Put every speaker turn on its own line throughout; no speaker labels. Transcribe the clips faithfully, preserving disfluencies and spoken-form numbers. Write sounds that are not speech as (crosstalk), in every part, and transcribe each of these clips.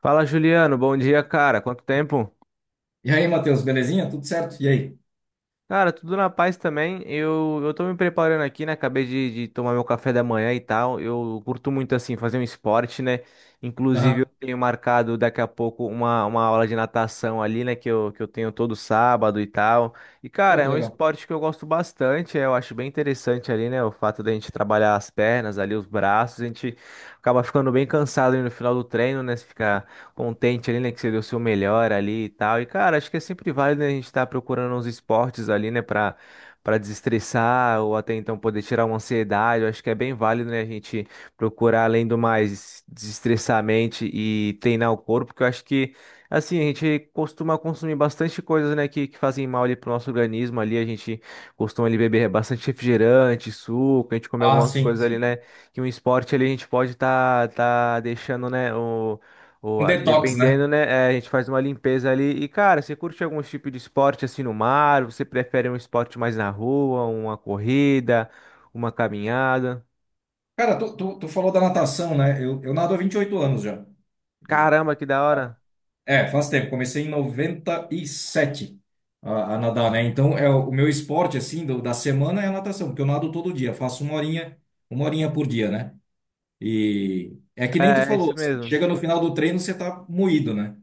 Fala, Juliano. Bom dia, cara. Quanto tempo?
E aí, Matheus, belezinha? Tudo certo? E aí?
Cara, tudo na paz também. Eu, eu tô me preparando aqui, né? Acabei de, de tomar meu café da manhã e tal. Eu curto muito, assim, fazer um esporte, né? Inclusive, eu
Aham.
tenho marcado daqui a pouco uma, uma aula de natação ali, né? Que eu, que eu tenho todo sábado e tal. E,
Pô,
cara,
que
é um
legal.
esporte que eu gosto bastante. é, Eu acho bem interessante ali, né? O fato da gente trabalhar as pernas ali, os braços. A gente acaba ficando bem cansado ali no final do treino, né? Você fica contente ali, né? Que você deu o seu melhor ali e tal. E, cara, acho que é sempre válido, né, a gente estar procurando uns esportes ali, né? Pra, pra desestressar ou até então poder tirar uma ansiedade. Eu acho que é bem válido, né? A gente procurar, além do mais, desestressar a mente e treinar o corpo, porque eu acho que, assim, a gente costuma consumir bastante coisas, né, que, que fazem mal ali pro nosso organismo ali, a gente costuma ali beber bastante refrigerante, suco, a gente come
Ah,
algumas
sim,
coisas ali,
sim.
né, que um esporte ali a gente pode tá, tá deixando, né,
Um
boa,
detox, né?
dependendo, né? é, a gente faz uma limpeza ali. E, cara, você curte algum tipo de esporte assim no mar? Você prefere um esporte mais na rua, uma corrida, uma caminhada?
Cara, tu, tu, tu falou da natação, né? Eu, eu nado há vinte e oito anos já.
Caramba, que da hora!
É, faz tempo. Comecei em noventa e sete a, a nadar, né? Então, é o o meu esporte, assim, do- da semana é a natação, porque eu nado todo dia. Faço uma horinha, uma horinha por dia, né? E é que nem tu
É, é
falou,
isso
assim.
mesmo.
Chega no final do treino, você tá moído, né?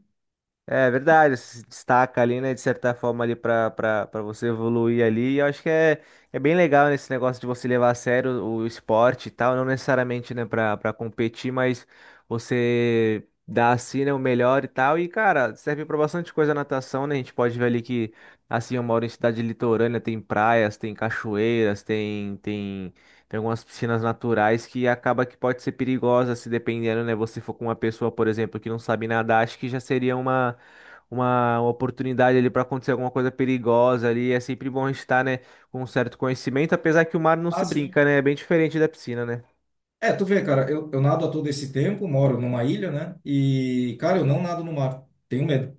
É verdade, se destaca ali, né, de certa forma ali para para você evoluir ali. E eu acho que é, é bem legal nesse negócio de você levar a sério o, o esporte e tal, não necessariamente, né, para para competir, mas você dá assim, né, o melhor e tal. E cara, serve para bastante coisa a natação, né? A gente pode ver ali que, assim, eu moro em cidade litorânea, tem praias, tem cachoeiras, tem tem Tem algumas piscinas naturais que acaba que pode ser perigosa se dependendo, né? Você for com uma pessoa, por exemplo, que não sabe nadar, acho que já seria uma, uma uma oportunidade ali para acontecer alguma coisa perigosa ali. É sempre bom estar, né, com um certo conhecimento, apesar que o mar não se
Ah, sim.
brinca, né? É bem diferente da piscina, né?
É, tu vê, cara, eu, eu nado há todo esse tempo, moro numa ilha, né? E, cara, eu não nado no mar. Tenho medo.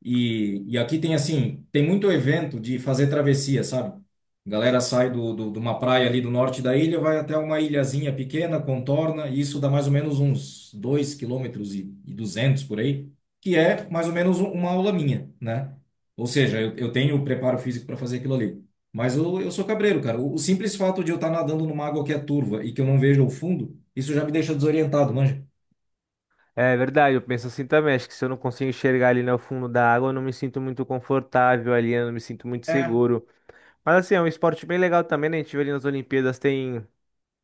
E, e aqui tem assim, tem muito evento de fazer travessia, sabe? A galera sai do, do, de uma praia ali do norte da ilha, vai até uma ilhazinha pequena, contorna, e isso dá mais ou menos uns dois quilômetros e duzentos por aí, que é mais ou menos um- uma aula minha, né? Ou seja, eu, eu tenho o preparo físico para fazer aquilo ali. Mas eu, eu sou cabreiro, cara. O, o simples fato de eu estar nadando numa água que é turva e que eu não vejo o fundo, isso já me deixa desorientado, manja.
É verdade, eu penso assim também. Acho que se eu não consigo enxergar ali no fundo da água, eu não me sinto muito confortável ali, eu não me sinto muito
É.
seguro. Mas assim, é um esporte bem legal também, né? A gente vê ali nas Olimpíadas, tem.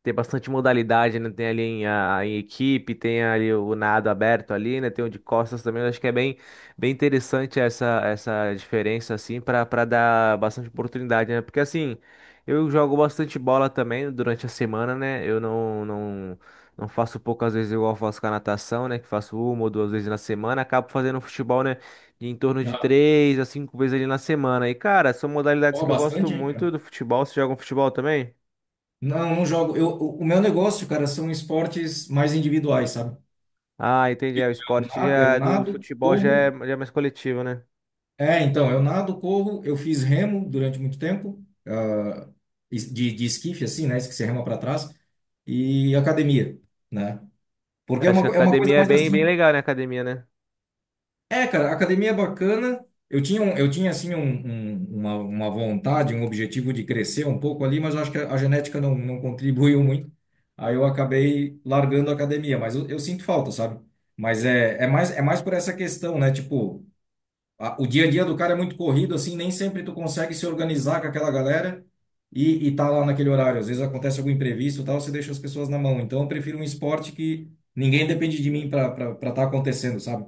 Tem bastante modalidade, né? Tem ali em, a, em equipe, tem ali o nado aberto ali, né? Tem o de costas também. Eu acho que é bem, bem interessante essa, essa diferença, assim, para para dar bastante oportunidade, né? Porque, assim, eu jogo bastante bola também durante a semana, né? Eu não, não, não faço poucas vezes igual eu faço com a natação, né? Que faço uma ou duas vezes na semana. Acabo fazendo futebol, né? de Em torno de
Ah,
três a cinco vezes ali na semana. E, cara, são modalidades
ó,
que eu gosto
bastante, hein,
muito
cara.
do futebol. Você joga um futebol também?
Não, não jogo. Eu, o o meu negócio, cara, são esportes mais individuais, sabe?
Ah, entendi. É, o
Eu,
esporte
na- eu
já é do
nado,
futebol já é,
corro.
já é mais coletivo, né?
É, então, eu nado, corro. Eu fiz remo durante muito tempo, ah, es- de, de esquife, assim, né? Que você rema para trás. E academia, né? Porque é
Acho
uma,
que a
co- é uma coisa
academia é
mais
bem, bem
assim.
legal, né? Academia, né?
É, cara, a academia é bacana. Eu tinha, um, eu tinha assim, um- um- uma, uma vontade, um objetivo de crescer um pouco ali, mas eu acho que a a genética não, não contribuiu muito. Aí eu acabei largando a academia, mas eu, eu sinto falta, sabe? Mas é, é mais, é mais por essa questão, né? Tipo, a- o dia a dia do cara é muito corrido, assim, nem sempre tu consegue se organizar com aquela galera e, e tá lá naquele horário. Às vezes acontece algum imprevisto e tal, você deixa as pessoas na mão. Então eu prefiro um esporte que ninguém depende de mim para estar acontecendo, sabe?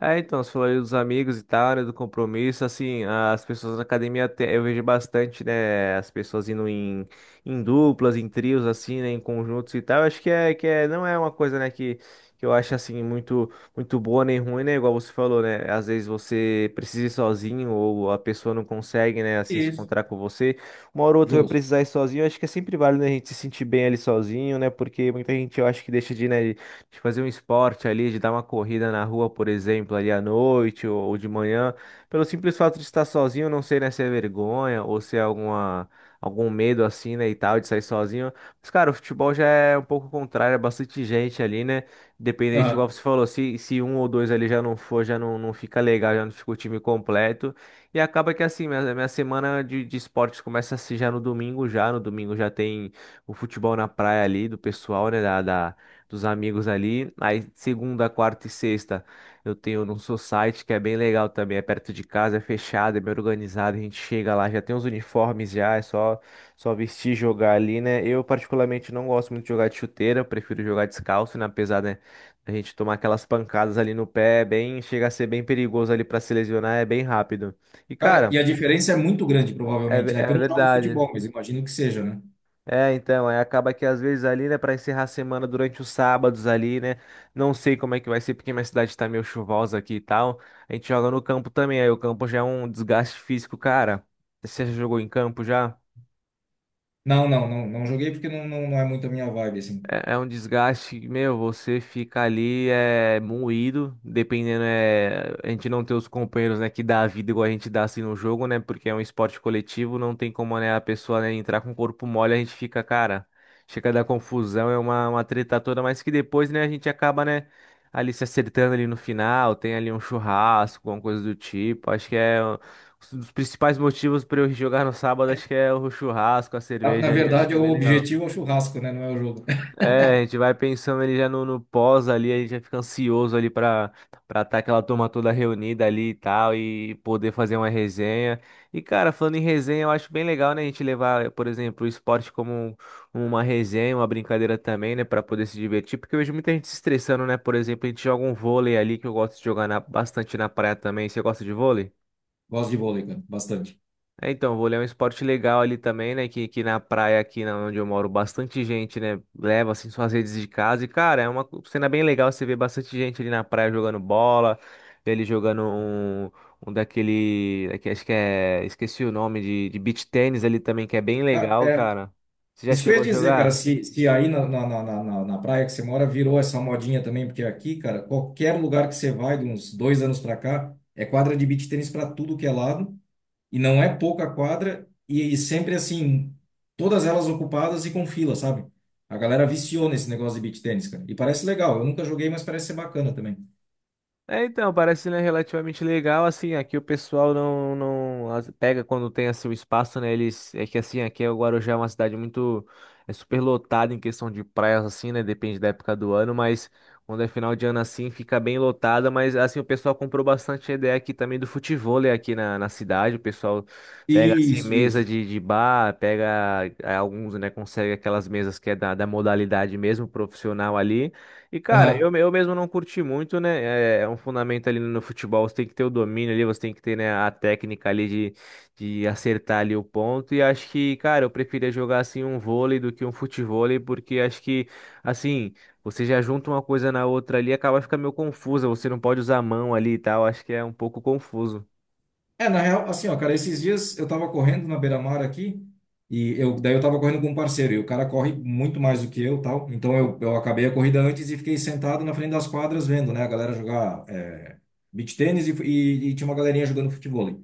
É, então, você falou aí dos amigos e tal, né, do compromisso, assim, as pessoas na academia, até- eu vejo bastante, né, as pessoas indo em, em duplas, em trios, assim, né, em conjuntos e tal, acho que é, que é, não é uma coisa, né, que, que eu acho, assim, muito, muito boa nem ruim, né, igual você falou, né, às vezes você precisa ir sozinho ou a pessoa não consegue, né, assim, se
Isso.
encontrar com você, uma hora ou outra vai
Justo.
precisar ir sozinho, acho que é sempre válido, né, a gente se sentir bem ali sozinho, né, porque muita gente, eu acho que deixa de, né, de fazer um esporte ali, de dar uma corrida na rua, por exemplo, ali à noite ou, ou de manhã, pelo simples fato de estar sozinho, não sei, né, se é vergonha ou se é alguma, algum medo assim, né, e tal, de sair sozinho. Mas, cara, o futebol já é um pouco contrário, é bastante gente ali, né? Independente, igual
Aham.
você falou, se, se um ou dois ali já não for, já não, não fica legal, já não fica o time completo. E acaba que assim, minha, minha semana de, de esportes começa assim já no domingo, já. No domingo já tem o futebol na praia ali do pessoal, né? Da, da, dos amigos ali. Aí segunda, quarta e sexta eu tenho num society que é bem legal também, é perto de casa, é fechado, é bem organizado, a gente chega lá, já tem os uniformes já, é só só vestir e jogar ali, né? Eu particularmente não gosto muito de jogar de chuteira, eu prefiro jogar descalço, né? Apesar, né, a gente tomar aquelas pancadas ali no pé, é bem, chega a ser bem perigoso ali para se lesionar, é bem rápido. E
Cara,
cara,
e a diferença é muito grande,
é,
provavelmente,
ve-
né? Que eu
é
não jogo
verdade.
futebol, mas imagino que seja, né?
É, então, aí acaba que às vezes ali, né, para encerrar a semana durante os sábados ali, né, não sei como é que vai ser, porque minha cidade tá meio chuvosa aqui e tal, a gente joga no campo também, aí o campo já é um desgaste físico, cara. Você já jogou em campo já?
Não, não, não, não joguei porque não, não, não é muito a minha vibe, assim.
É é um desgaste, que, meu, você fica ali é, moído, dependendo, é, a gente não ter os companheiros, né, que dá a vida igual a gente dá assim no jogo, né, porque é um esporte coletivo, não tem como, né, a pessoa, né, entrar com o corpo mole, a gente fica, cara, chega a dar confusão, é uma, uma treta toda, mas que depois, né, a gente acaba, né, ali se acertando ali no final, tem ali um churrasco, alguma coisa do tipo, acho que é um um dos principais motivos para eu jogar no sábado, acho que é o churrasco, a
Na, na
cerveja ali, acho que
verdade,
é
o
bem legal.
objetivo é o churrasco, né? Não é o jogo. (laughs)
É, a gente vai pensando ele já no, no pós ali, a gente já fica ansioso ali pra para estar aquela turma toda reunida ali e tal, e poder fazer uma resenha. E cara, falando em resenha, eu acho bem legal, né, a gente levar, por exemplo, o esporte como um- uma resenha, uma brincadeira também, né, pra poder se divertir, porque eu vejo muita gente se estressando, né, por exemplo, a gente joga um vôlei ali, que eu gosto de jogar na- bastante na praia também. Você gosta de vôlei?
Gosto de vôlei, cara, bastante.
É, então, vou é um esporte legal ali também, né? Que, que na praia aqui na onde eu moro, bastante gente, né? Leva assim suas redes de casa. E, cara, é uma co- cena bem legal. Você vê bastante gente ali na praia jogando bola, vê ele jogando um, um daquele, daqui- acho que é, esqueci o nome, de, de beach tênis ali também, que é bem
Ca-
legal,
É,
cara. Você já
isso que eu
chegou
ia
a
dizer, cara,
jogar?
se, se aí na, na, na, na, na na praia que você mora virou essa modinha também, porque aqui, cara, qualquer lugar que você vai, de uns dois anos pra cá, é quadra de beach tênis pra tudo que é lado. E não é pouca quadra, e e sempre assim, todas elas ocupadas e com fila, sabe? A galera viciou nesse negócio de beach tennis, cara. E parece legal. Eu nunca joguei, mas parece ser bacana também.
É, então, parece, né, relativamente legal, assim, aqui o pessoal não, não as- pega quando tem, assim, o espaço, né, eles, é que, assim, aqui o Guarujá é uma cidade muito, é super lotada em questão de praias, assim, né, depende da época do ano, mas quando é final de ano, assim, fica bem lotada, mas, assim, o pessoal comprou bastante a ideia aqui também do futevôlei aqui na, na cidade, o pessoal pega, assim,
Isso,
mesa
isso.
de, de bar, pega, é, alguns, né, consegue aquelas mesas que é da, da modalidade mesmo, profissional ali, e, cara,
Aham.
eu, eu mesmo não curti muito, né? É é um fundamento ali no futebol, você tem que ter o domínio ali, você tem que ter, né, a técnica ali de, de acertar ali o ponto. E acho que, cara, eu preferia jogar assim um vôlei do que um futevôlei, porque acho que, assim, você já junta uma coisa na outra ali, acaba ficando meio confusa, você não pode usar a mão ali e tal, acho que é um pouco confuso.
É, na real, assim, ó, cara, esses dias eu tava correndo na beira-mar aqui, e eu, daí eu tava correndo com um parceiro, e o cara corre muito mais do que eu, tal. Então eu, eu acabei a corrida antes e fiquei sentado na frente das quadras vendo, né, a galera jogar, é, beach tênis, e, fu- e, e tinha uma galerinha jogando futevôlei,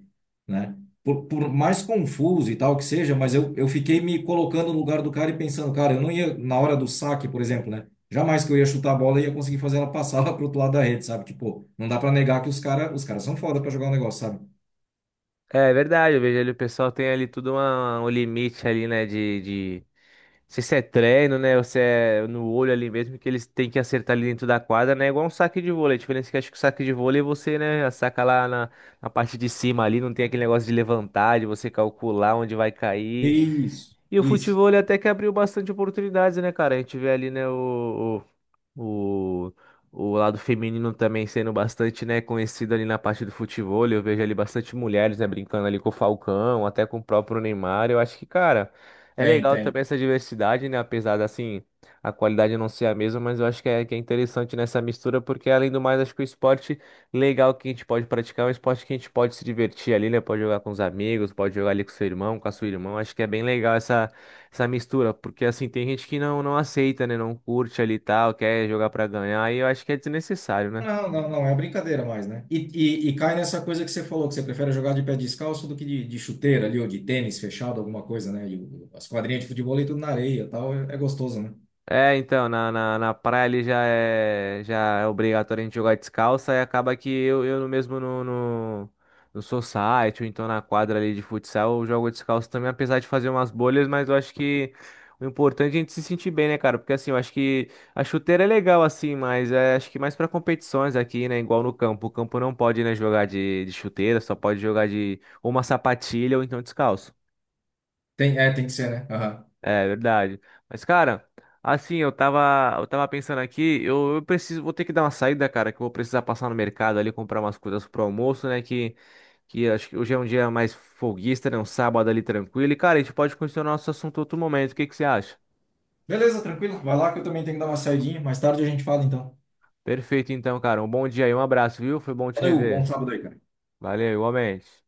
né? Por, por mais confuso e tal que seja, mas eu, eu fiquei me colocando no lugar do cara e pensando, cara, eu não ia, na hora do saque, por exemplo, né? Jamais que eu ia chutar a bola e ia conseguir fazer ela passar (laughs) lá pro outro lado da rede, sabe? Tipo, não dá pra negar que os cara, os caras são foda pra jogar o negócio, sabe?
É verdade, eu vejo ali o pessoal tem ali tudo uma- um limite ali, né, de, de, não sei se é treino, né? Ou se é no olho ali mesmo, que eles têm que acertar ali dentro da quadra, né? É igual um saque de vôlei. A diferença é que acho que o saque de vôlei você, né, saca lá na, na parte de cima ali, não tem aquele negócio de levantar, de você calcular onde vai cair.
Isso,
E o
isso.
futebol ele até que abriu bastante oportunidades, né, cara? A gente vê ali, né, o, o, o lado feminino também sendo bastante, né, conhecido ali na parte do futebol. Eu vejo ali bastante mulheres, né, brincando ali com o Falcão, até com o próprio Neymar. Eu acho que, cara, é
Tem,
legal também
tem.
essa diversidade, né, apesar da, assim, a qualidade não ser a mesma, mas eu acho que é, que é interessante nessa mistura, porque além do mais, acho que o esporte legal que a gente pode praticar é um esporte que a gente pode se divertir ali, né, pode jogar com os amigos, pode jogar ali com seu irmão, com a sua irmã. Acho que é bem legal essa mistura, porque assim, tem gente que não, não aceita, né? Não curte ali e tal, quer jogar pra ganhar, e eu acho que é desnecessário, né?
Não, não, não, é brincadeira mais, né? E, e e cai nessa coisa que você falou, que você prefere jogar de pé descalço do que de, de chuteira ali, ou de tênis fechado, alguma coisa, né? E o- as quadrinhas de futebol e tudo na areia e tal, é, é gostoso, né?
É, então, na, na, na praia ali já é, já é obrigatório a gente jogar descalço, e acaba que eu, eu no mesmo no, no, no society, ou então na quadra ali de futsal, eu jogo descalço também, apesar de fazer umas bolhas, mas eu acho que o importante é a gente se sentir bem, né, cara? Porque assim, eu acho que a chuteira é legal assim, mas é, acho que mais pra competições aqui, né, igual no campo. O campo não pode, né, jogar de, de chuteira, só pode jogar de ou uma sapatilha ou então descalço.
Tem, é, tem que ser, né? Aham.
É verdade. Mas, cara, assim, eu tava, eu tava pensando aqui, eu, eu preciso, vou ter que dar uma saída, cara, que eu vou precisar passar no mercado ali, comprar umas coisas pro almoço, né? Que, que acho que hoje é um dia mais folguista, né? Um sábado ali tranquilo. E, cara, a gente pode continuar nosso assunto outro momento. O que que você acha?
Beleza, tranquilo. Vai lá que eu também tenho que dar uma saidinha. Mais tarde a gente fala, então.
Perfeito, então, cara. Um bom dia e um abraço, viu? Foi bom te
Valeu, bom
rever.
sábado aí, cara.
Valeu, igualmente.